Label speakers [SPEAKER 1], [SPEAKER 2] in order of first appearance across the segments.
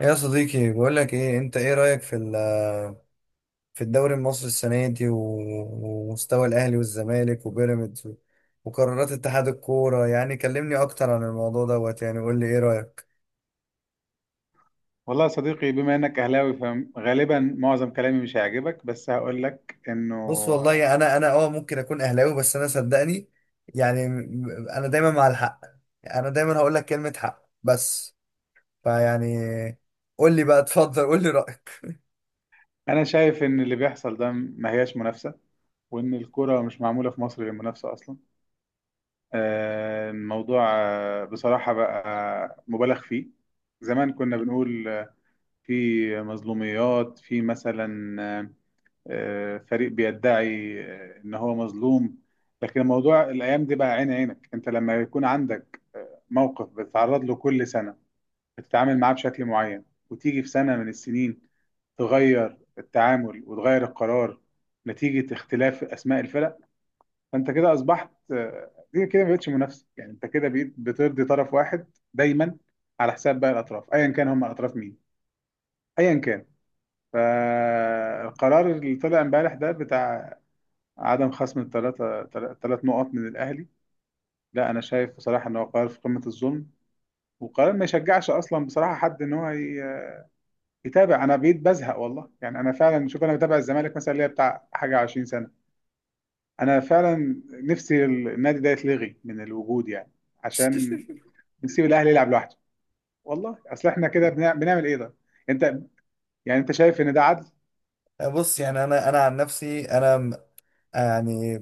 [SPEAKER 1] يا صديقي، بقول لك ايه؟ انت ايه رايك في في الدوري المصري السنه دي ومستوى الاهلي والزمالك وبيراميدز وقرارات اتحاد الكوره؟ يعني كلمني اكتر عن الموضوع دوت، يعني قول لي ايه رايك.
[SPEAKER 2] والله يا صديقي، بما انك اهلاوي فغالبا معظم كلامي مش هيعجبك، بس هقول لك انه
[SPEAKER 1] بص والله، انا اه ممكن اكون اهلاوي، بس انا صدقني يعني انا دايما مع الحق. انا دايما هقول لك كلمه حق، بس فيعني قول لي بقى، اتفضل قول لي رايك.
[SPEAKER 2] انا شايف ان اللي بيحصل ده ما هياش منافسة، وان الكرة مش معمولة في مصر للمنافسة اصلا. الموضوع بصراحة بقى مبالغ فيه. زمان كنا بنقول في مظلوميات، في مثلا فريق بيدعي ان هو مظلوم. لكن الموضوع الايام دي بقى عين عينك، انت لما يكون عندك موقف بتتعرض له كل سنة بتتعامل معاه بشكل معين، وتيجي في سنة من السنين تغير التعامل وتغير القرار نتيجة اختلاف أسماء الفرق. فأنت كده أصبحت دي كده ما بقتش منافسة، يعني أنت كده بقيت بترضي طرف واحد دايما على حساب باقي الأطراف، أيا كان هم الأطراف مين، أيا كان. فالقرار اللي طلع امبارح ده بتاع عدم خصم الثلاثة، ثلاث نقط من الأهلي، لا أنا شايف بصراحة إن هو قرار في قمة الظلم، وقرار ما يشجعش أصلا بصراحة حد إن هو يتابع. انا بقيت بزهق والله، يعني انا فعلا شوف، انا بتابع الزمالك مثلا ليا بتاع حاجه 20 سنه. انا فعلا نفسي النادي ده يتلغي من الوجود، يعني عشان نسيب الاهلي يلعب لوحده. والله اصل احنا كده بنعمل ايه ده؟ انت يعني، انت شايف ان ده عدل؟
[SPEAKER 1] بص، يعني انا عن نفسي يعني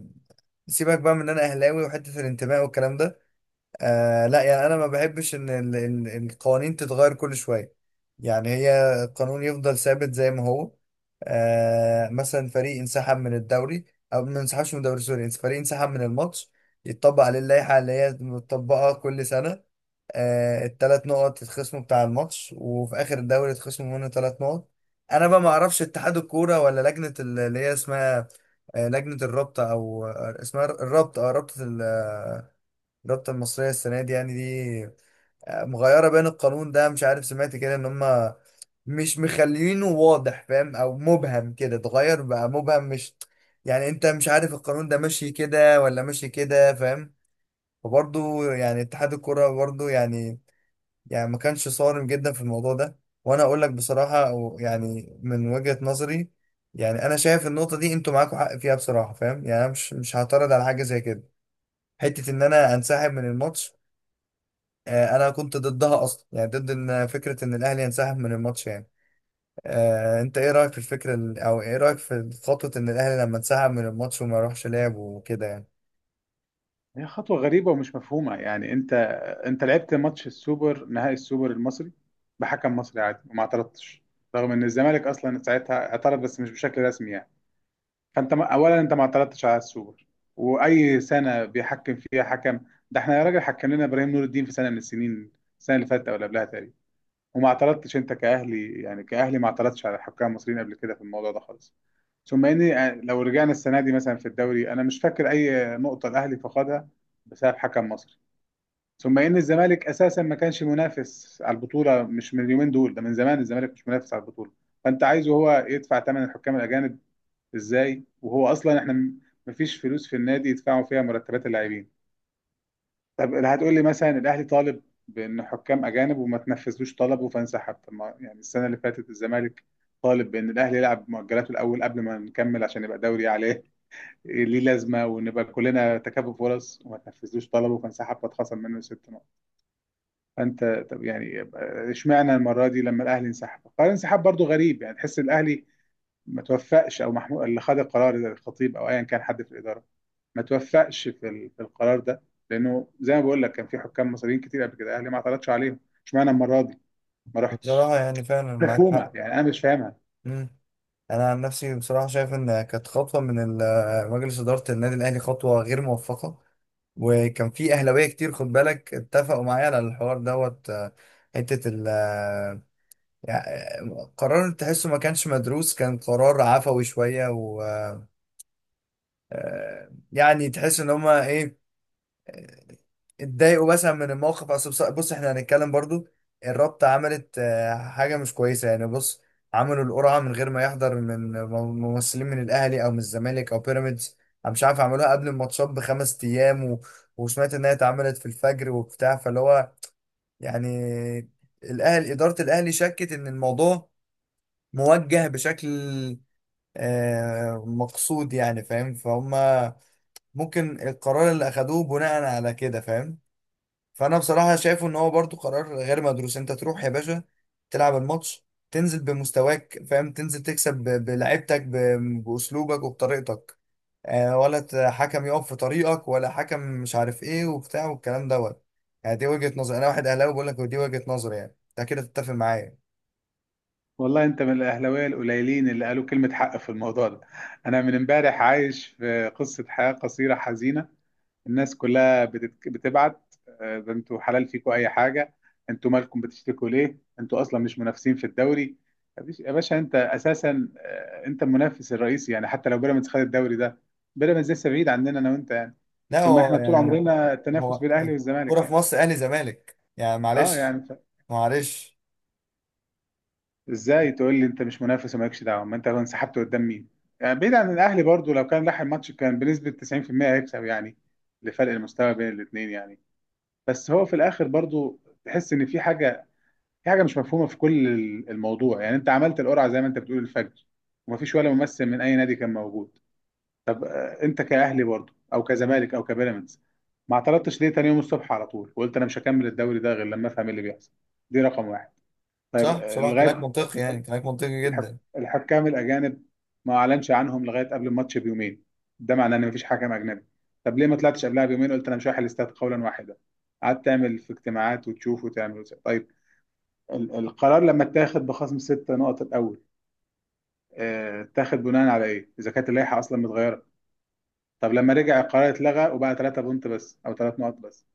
[SPEAKER 1] سيبك بقى من ان انا اهلاوي وحته الانتماء والكلام ده. آه لا، يعني انا ما بحبش ان القوانين تتغير كل شويه. يعني هي القانون يفضل ثابت زي ما هو. آه مثلا فريق انسحب من الدوري او ما انسحبش من الدوري، سوري، فريق انسحب من الماتش، يتطبق عليه اللائحه اللي هي متطبقه كل سنه. آه الثلاث نقط يتخصموا بتاع الماتش، وفي اخر الدوري يتخصموا منه ثلاث نقط. انا بقى ما اعرفش اتحاد الكوره ولا لجنه اللي هي اسمها لجنه الرابطه او اسمها الرابطه، اه رابطه، الرابطة المصرية السنة دي، يعني دي مغيرة بين القانون ده؟ مش عارف، سمعت كده ان هم مش مخلينه واضح، فاهم؟ او مبهم كده اتغير بقى، مبهم. مش يعني انت مش عارف القانون ده ماشي كده ولا ماشي كده، فاهم؟ فبرضه يعني اتحاد الكرة برضه يعني، يعني ما كانش صارم جدا في الموضوع ده. وانا اقول لك بصراحة، أو يعني من وجهة نظري، يعني انا شايف النقطة دي انتوا معاكوا حق فيها بصراحة، فاهم؟ يعني انا مش هعترض على حاجة زي كده. حتة ان انا انسحب من الماتش، انا كنت ضدها اصلا، يعني ضد ان فكره ان الاهلي ينسحب من الماتش يعني. انت ايه رايك في الفكره او ايه رايك في خطوه ان الاهلي لما انسحب من الماتش وما يروحش لعب وكده يعني؟
[SPEAKER 2] هي خطوه غريبه ومش مفهومه، يعني انت انت لعبت ماتش السوبر، نهائي السوبر المصري بحكم مصري عادي وما اعترضتش، رغم ان الزمالك اصلا ساعتها اعترض بس مش بشكل رسمي يعني. فانت اولا انت ما اعترضتش على السوبر، واي سنه بيحكم فيها حكم. ده احنا يا راجل حكم لنا ابراهيم نور الدين في سنه من السنين، السنه اللي فاتت او اللي قبلها تقريبا، وما اعترضتش انت كاهلي، يعني كاهلي ما اعترضتش على الحكام المصريين قبل كده في الموضوع ده خالص. ثم اني لو رجعنا السنه دي مثلا في الدوري، انا مش فاكر اي نقطه الاهلي فقدها بسبب حكم مصري. ثم ان الزمالك اساسا ما كانش منافس على البطوله، مش من اليومين دول، ده من زمان الزمالك مش منافس على البطوله. فانت عايزه هو يدفع ثمن الحكام الاجانب ازاي وهو اصلا احنا مفيش فلوس في النادي يدفعوا فيها مرتبات اللاعبين؟ طب اللي هتقول لي مثلا الاهلي طالب بان حكام اجانب وما تنفذلوش طلبه فانسحب، طب ما يعني السنه اللي فاتت الزمالك طالب بان الاهلي يلعب مؤجلاته الاول قبل ما نكمل عشان يبقى دوري عليه إيه ليه لازمه، ونبقى كلنا تكافؤ فرص، وما تنفذلوش طلبه فانسحب فاتخصم منه ست نقط. فانت طب يعني اشمعنى المره دي لما الاهلي انسحب؟ قرار الانسحاب برضو غريب، يعني تحس الاهلي ما توفقش، او محمود اللي خد القرار زي الخطيب او ايا كان حد في الاداره ما توفقش في في القرار ده. لانه زي ما بقول لك كان في حكام مصريين كتير قبل كده اهلي ما اعترضش عليهم. اشمعنى المره دي ما رحتش؟
[SPEAKER 1] بصراحه يعني فعلا معاك
[SPEAKER 2] مفهومه،
[SPEAKER 1] حق.
[SPEAKER 2] يعني انا مش فاهمها.
[SPEAKER 1] مم. انا عن نفسي بصراحه شايف ان كانت خطوه من مجلس اداره النادي الاهلي خطوه غير موفقه. وكان في اهلاويه كتير، خد بالك، اتفقوا معايا على الحوار دوت. آه، حته ال آه، يعني قرار تحسه ما كانش مدروس، كان قرار عفوي شويه. يعني تحس ان هما ايه، آه، اتضايقوا مثلا من الموقف. اصل بص احنا هنتكلم برضو، الرابطة عملت حاجة مش كويسة، يعني بص، عملوا القرعة من غير ما يحضر ممثلين من الاهلي او من الزمالك او بيراميدز. انا مش عارف، عملوها قبل الماتشات بخمس ايام وسمعت انها اتعملت في الفجر وبتاع، فاللي هو يعني الاهلي، ادارة الاهلي شكت ان الموضوع موجه بشكل مقصود، يعني فاهم، فهم. ممكن القرار اللي اخدوه بناء على كده، فاهم؟ فانا بصراحه شايفه ان هو برضو قرار غير مدروس. انت تروح يا باشا، تلعب الماتش، تنزل بمستواك، فاهم، تنزل تكسب بلعبتك باسلوبك وبطريقتك، ولا حكم يقف في طريقك، ولا حكم مش عارف ايه وبتاع والكلام دوت. يعني دي وجهه نظر، انا واحد اهلاوي بقول لك دي وجهه نظري، يعني انت كده تتفق معايا.
[SPEAKER 2] والله انت من الاهلاويه القليلين اللي قالوا كلمه حق في الموضوع ده. انا من امبارح عايش في قصه حياه قصيره حزينه، الناس كلها بتبعت ده انتوا حلال فيكوا اي حاجه، انتوا مالكم بتشتكوا ليه، انتوا اصلا مش منافسين في الدوري. يا باشا انت اساسا انت المنافس الرئيسي، يعني حتى لو بيراميدز خد الدوري ده بيراميدز لسه بعيد عننا انا وانت يعني.
[SPEAKER 1] لا
[SPEAKER 2] ثم
[SPEAKER 1] هو
[SPEAKER 2] احنا طول
[SPEAKER 1] يعني،
[SPEAKER 2] عمرنا التنافس
[SPEAKER 1] هو
[SPEAKER 2] بين الاهلي
[SPEAKER 1] كرة
[SPEAKER 2] والزمالك
[SPEAKER 1] في
[SPEAKER 2] يعني.
[SPEAKER 1] مصر اهلي زمالك، يعني
[SPEAKER 2] اه
[SPEAKER 1] معلش،
[SPEAKER 2] يعني
[SPEAKER 1] معلش.
[SPEAKER 2] ازاي تقول لي انت مش منافس ومالكش دعوه؟ ما انت انسحبت قدام مين؟ يعني بعيد عن الاهلي برضو لو كان لاحق ماتش كان بنسبه 90% هيكسب، يعني لفرق المستوى بين الاثنين يعني. بس هو في الاخر برضو تحس ان في حاجه، في حاجه مش مفهومه في كل الموضوع. يعني انت عملت القرعه زي ما انت بتقول الفجر، ومفيش ولا ممثل من اي نادي كان موجود. انت كاهلي برضو او كزمالك او كبيراميدز ما اعترضتش ليه تاني يوم الصبح على طول وقلت انا مش هكمل الدوري ده غير لما افهم إيه اللي بيحصل؟ دي رقم واحد. طيب
[SPEAKER 1] صح، بصراحة كلامك
[SPEAKER 2] لغايه
[SPEAKER 1] منطقي، يعني كلامك منطقي جدا.
[SPEAKER 2] الحكام الاجانب ما اعلنش عنهم لغايه قبل الماتش بيومين، ده معناه ان مفيش حكم اجنبي. طب ليه ما طلعتش قبلها بيومين قلت انا مش رايح الاستاد قولا واحدا؟ قعدت تعمل في اجتماعات وتشوف وتعمل وتعمل. طيب القرار لما اتاخد بخصم ست نقط الاول اتاخد بناء على ايه اذا كانت اللائحه اصلا متغيره؟ طب لما رجع القرار اتلغى وبقى ثلاثة بونت بس او ثلاث نقط بس،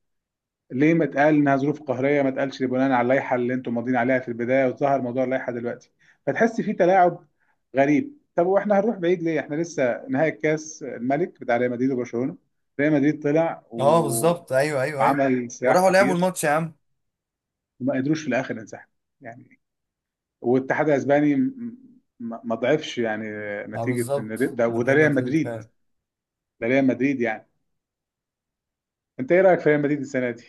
[SPEAKER 2] ليه ما اتقال انها ظروف قهريه؟ ما اتقالش بناء على اللائحه اللي انتم ماضيين عليها في البدايه وظهر موضوع اللائحه دلوقتي. فتحس في تلاعب غريب. طب واحنا هنروح بعيد ليه؟ احنا لسه نهائي الكاس الملك بتاع ريال مدريد وبرشلونه، ريال مدريد طلع
[SPEAKER 1] اه بالظبط، ايوه ايوه ايوه،
[SPEAKER 2] وعمل صياح
[SPEAKER 1] وراحوا لعبوا
[SPEAKER 2] كتير
[SPEAKER 1] الماتش يا عم.
[SPEAKER 2] وما قدروش في الاخر ينسحب، يعني. والاتحاد الاسباني ما ضعفش، يعني
[SPEAKER 1] اه
[SPEAKER 2] نتيجه ان
[SPEAKER 1] بالظبط،
[SPEAKER 2] ده
[SPEAKER 1] من
[SPEAKER 2] وده
[SPEAKER 1] ريال
[SPEAKER 2] ريال
[SPEAKER 1] مدريد
[SPEAKER 2] مدريد.
[SPEAKER 1] فعلا.
[SPEAKER 2] ده ريال مدريد يعني. انت ايه رايك في ريال مدريد السنه دي؟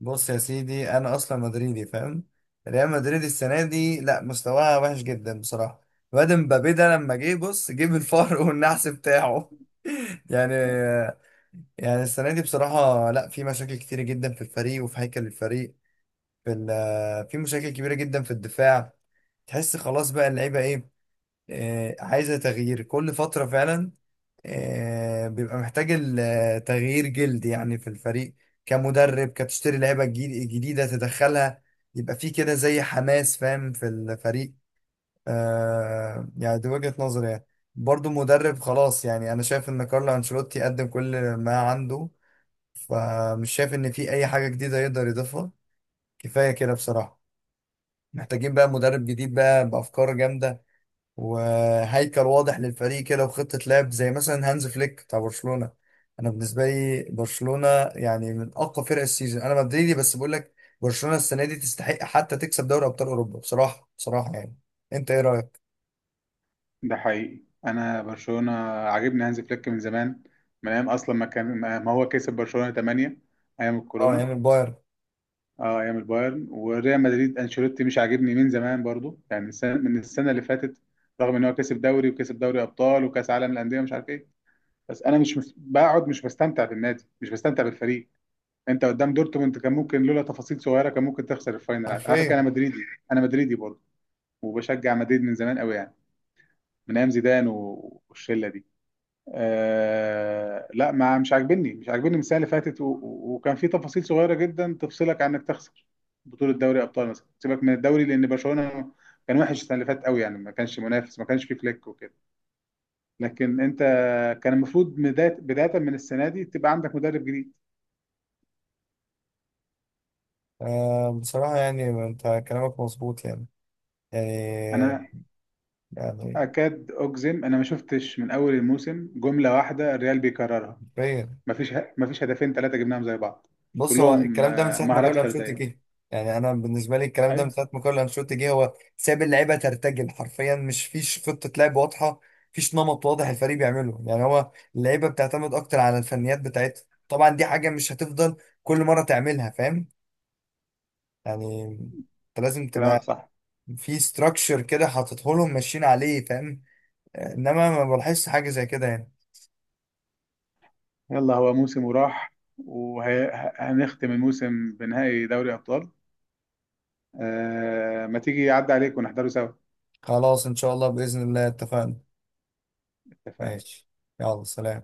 [SPEAKER 1] بص يا سيدي، انا اصلا مدريدي، فاهم. ريال مدريد السنة دي لا، مستواها وحش جدا بصراحة. الواد مبابي ده لما جه، بص، جيب الفار والنحس بتاعه يعني. يعني السنة دي بصراحة لا، في مشاكل كتيرة جدا في الفريق وفي هيكل الفريق. في في مشاكل كبيرة جدا في الدفاع. تحس خلاص بقى، اللعيبه ايه، عايزة تغيير كل فترة فعلا. بيبقى محتاج تغيير جلد يعني في الفريق، كمدرب كتشتري لعيبة جديدة تدخلها، يبقى في كده زي حماس، فاهم، في الفريق. يعني دي وجهة نظري يعني. برضو مدرب خلاص، يعني أنا شايف إن كارلو أنشيلوتي قدم كل ما عنده، فمش شايف إن في أي حاجة جديدة يقدر يضيفها. كفاية كده بصراحة. محتاجين بقى مدرب جديد بقى بأفكار جامدة، وهيكل واضح للفريق كده، وخطة لعب زي مثلا هانز فليك بتاع برشلونة. انا بالنسبة لي برشلونة يعني من اقوى فرق السيزون. انا مدريدي بس بقول لك، برشلونة السنة دي تستحق حتى تكسب دوري ابطال اوروبا بصراحة، بصراحة يعني. انت ايه رأيك؟
[SPEAKER 2] ده حقيقي انا برشلونه عاجبني، هانز فليك من زمان، من ايام اصلا ما كان ما هو كسب برشلونه 8، ايام
[SPEAKER 1] اه
[SPEAKER 2] الكورونا.
[SPEAKER 1] يعني البايرن.
[SPEAKER 2] اه ايام البايرن. وريال مدريد انشيلوتي مش عاجبني من زمان برضو، يعني السنه من السنه اللي فاتت، رغم ان هو كسب دوري وكسب دوري ابطال وكاس عالم الانديه مش عارف ايه. بس انا مش بقعد مش بستمتع بالنادي، مش بستمتع بالفريق. انت قدام دورتموند كان ممكن لولا تفاصيل صغيره كان ممكن تخسر الفاينل عادي. على فكره انا
[SPEAKER 1] حرفيا.
[SPEAKER 2] مدريدي، انا مدريدي برضو، وبشجع مدريد من زمان قوي يعني، من ايام زيدان والشله دي. آه لا، ما مش عاجبني، مش عاجبني من السنه اللي فاتت وكان في تفاصيل صغيره جدا تفصلك عن انك تخسر بطوله دوري ابطال مثلا، سيبك من الدوري لان برشلونه كان وحش السنه اللي فاتت قوي، يعني ما كانش منافس ما كانش فيه فليك وكده. لكن انت كان المفروض بدايه بدايه من السنه دي تبقى عندك مدرب جديد.
[SPEAKER 1] آه بصراحة يعني انت كلامك مظبوط يعني. يعني.
[SPEAKER 2] انا
[SPEAKER 1] يعني.
[SPEAKER 2] اكاد اجزم انا ما شفتش من اول الموسم جمله واحده الريال بيكررها.
[SPEAKER 1] حرفيا.
[SPEAKER 2] ما فيش ما فيش هدفين ثلاثه جبناهم زي بعض،
[SPEAKER 1] بص، هو
[SPEAKER 2] كلهم
[SPEAKER 1] الكلام ده من ساعه ما
[SPEAKER 2] مهارات
[SPEAKER 1] كارلو انشيلوتي
[SPEAKER 2] فرديه.
[SPEAKER 1] جه. يعني انا بالنسبه لي الكلام ده من
[SPEAKER 2] ايوه
[SPEAKER 1] ساعه ما كارلو انشيلوتي جه، هو ساب اللعيبه ترتجل حرفيا، مش فيش خطه لعب واضحه، فيش نمط واضح الفريق بيعمله. يعني هو اللعيبه بتعتمد اكتر على الفنيات بتاعتها. طبعا دي حاجه مش هتفضل كل مره تعملها، فاهم، يعني انت لازم
[SPEAKER 2] كلامك
[SPEAKER 1] تبقى
[SPEAKER 2] صح.
[SPEAKER 1] في ستراكشر كده حاططه لهم ماشيين عليه، فاهم. انما ما بلاحظش حاجه زي كده يعني.
[SPEAKER 2] يلا هو موسم وراح، وهنختم الموسم بنهائي دوري أبطال. آه ما تيجي يعدي عليك ونحضره سوا.
[SPEAKER 1] خلاص ان شاء الله، باذن الله اتفقنا.
[SPEAKER 2] اتفقنا.
[SPEAKER 1] ماشي، يلا سلام.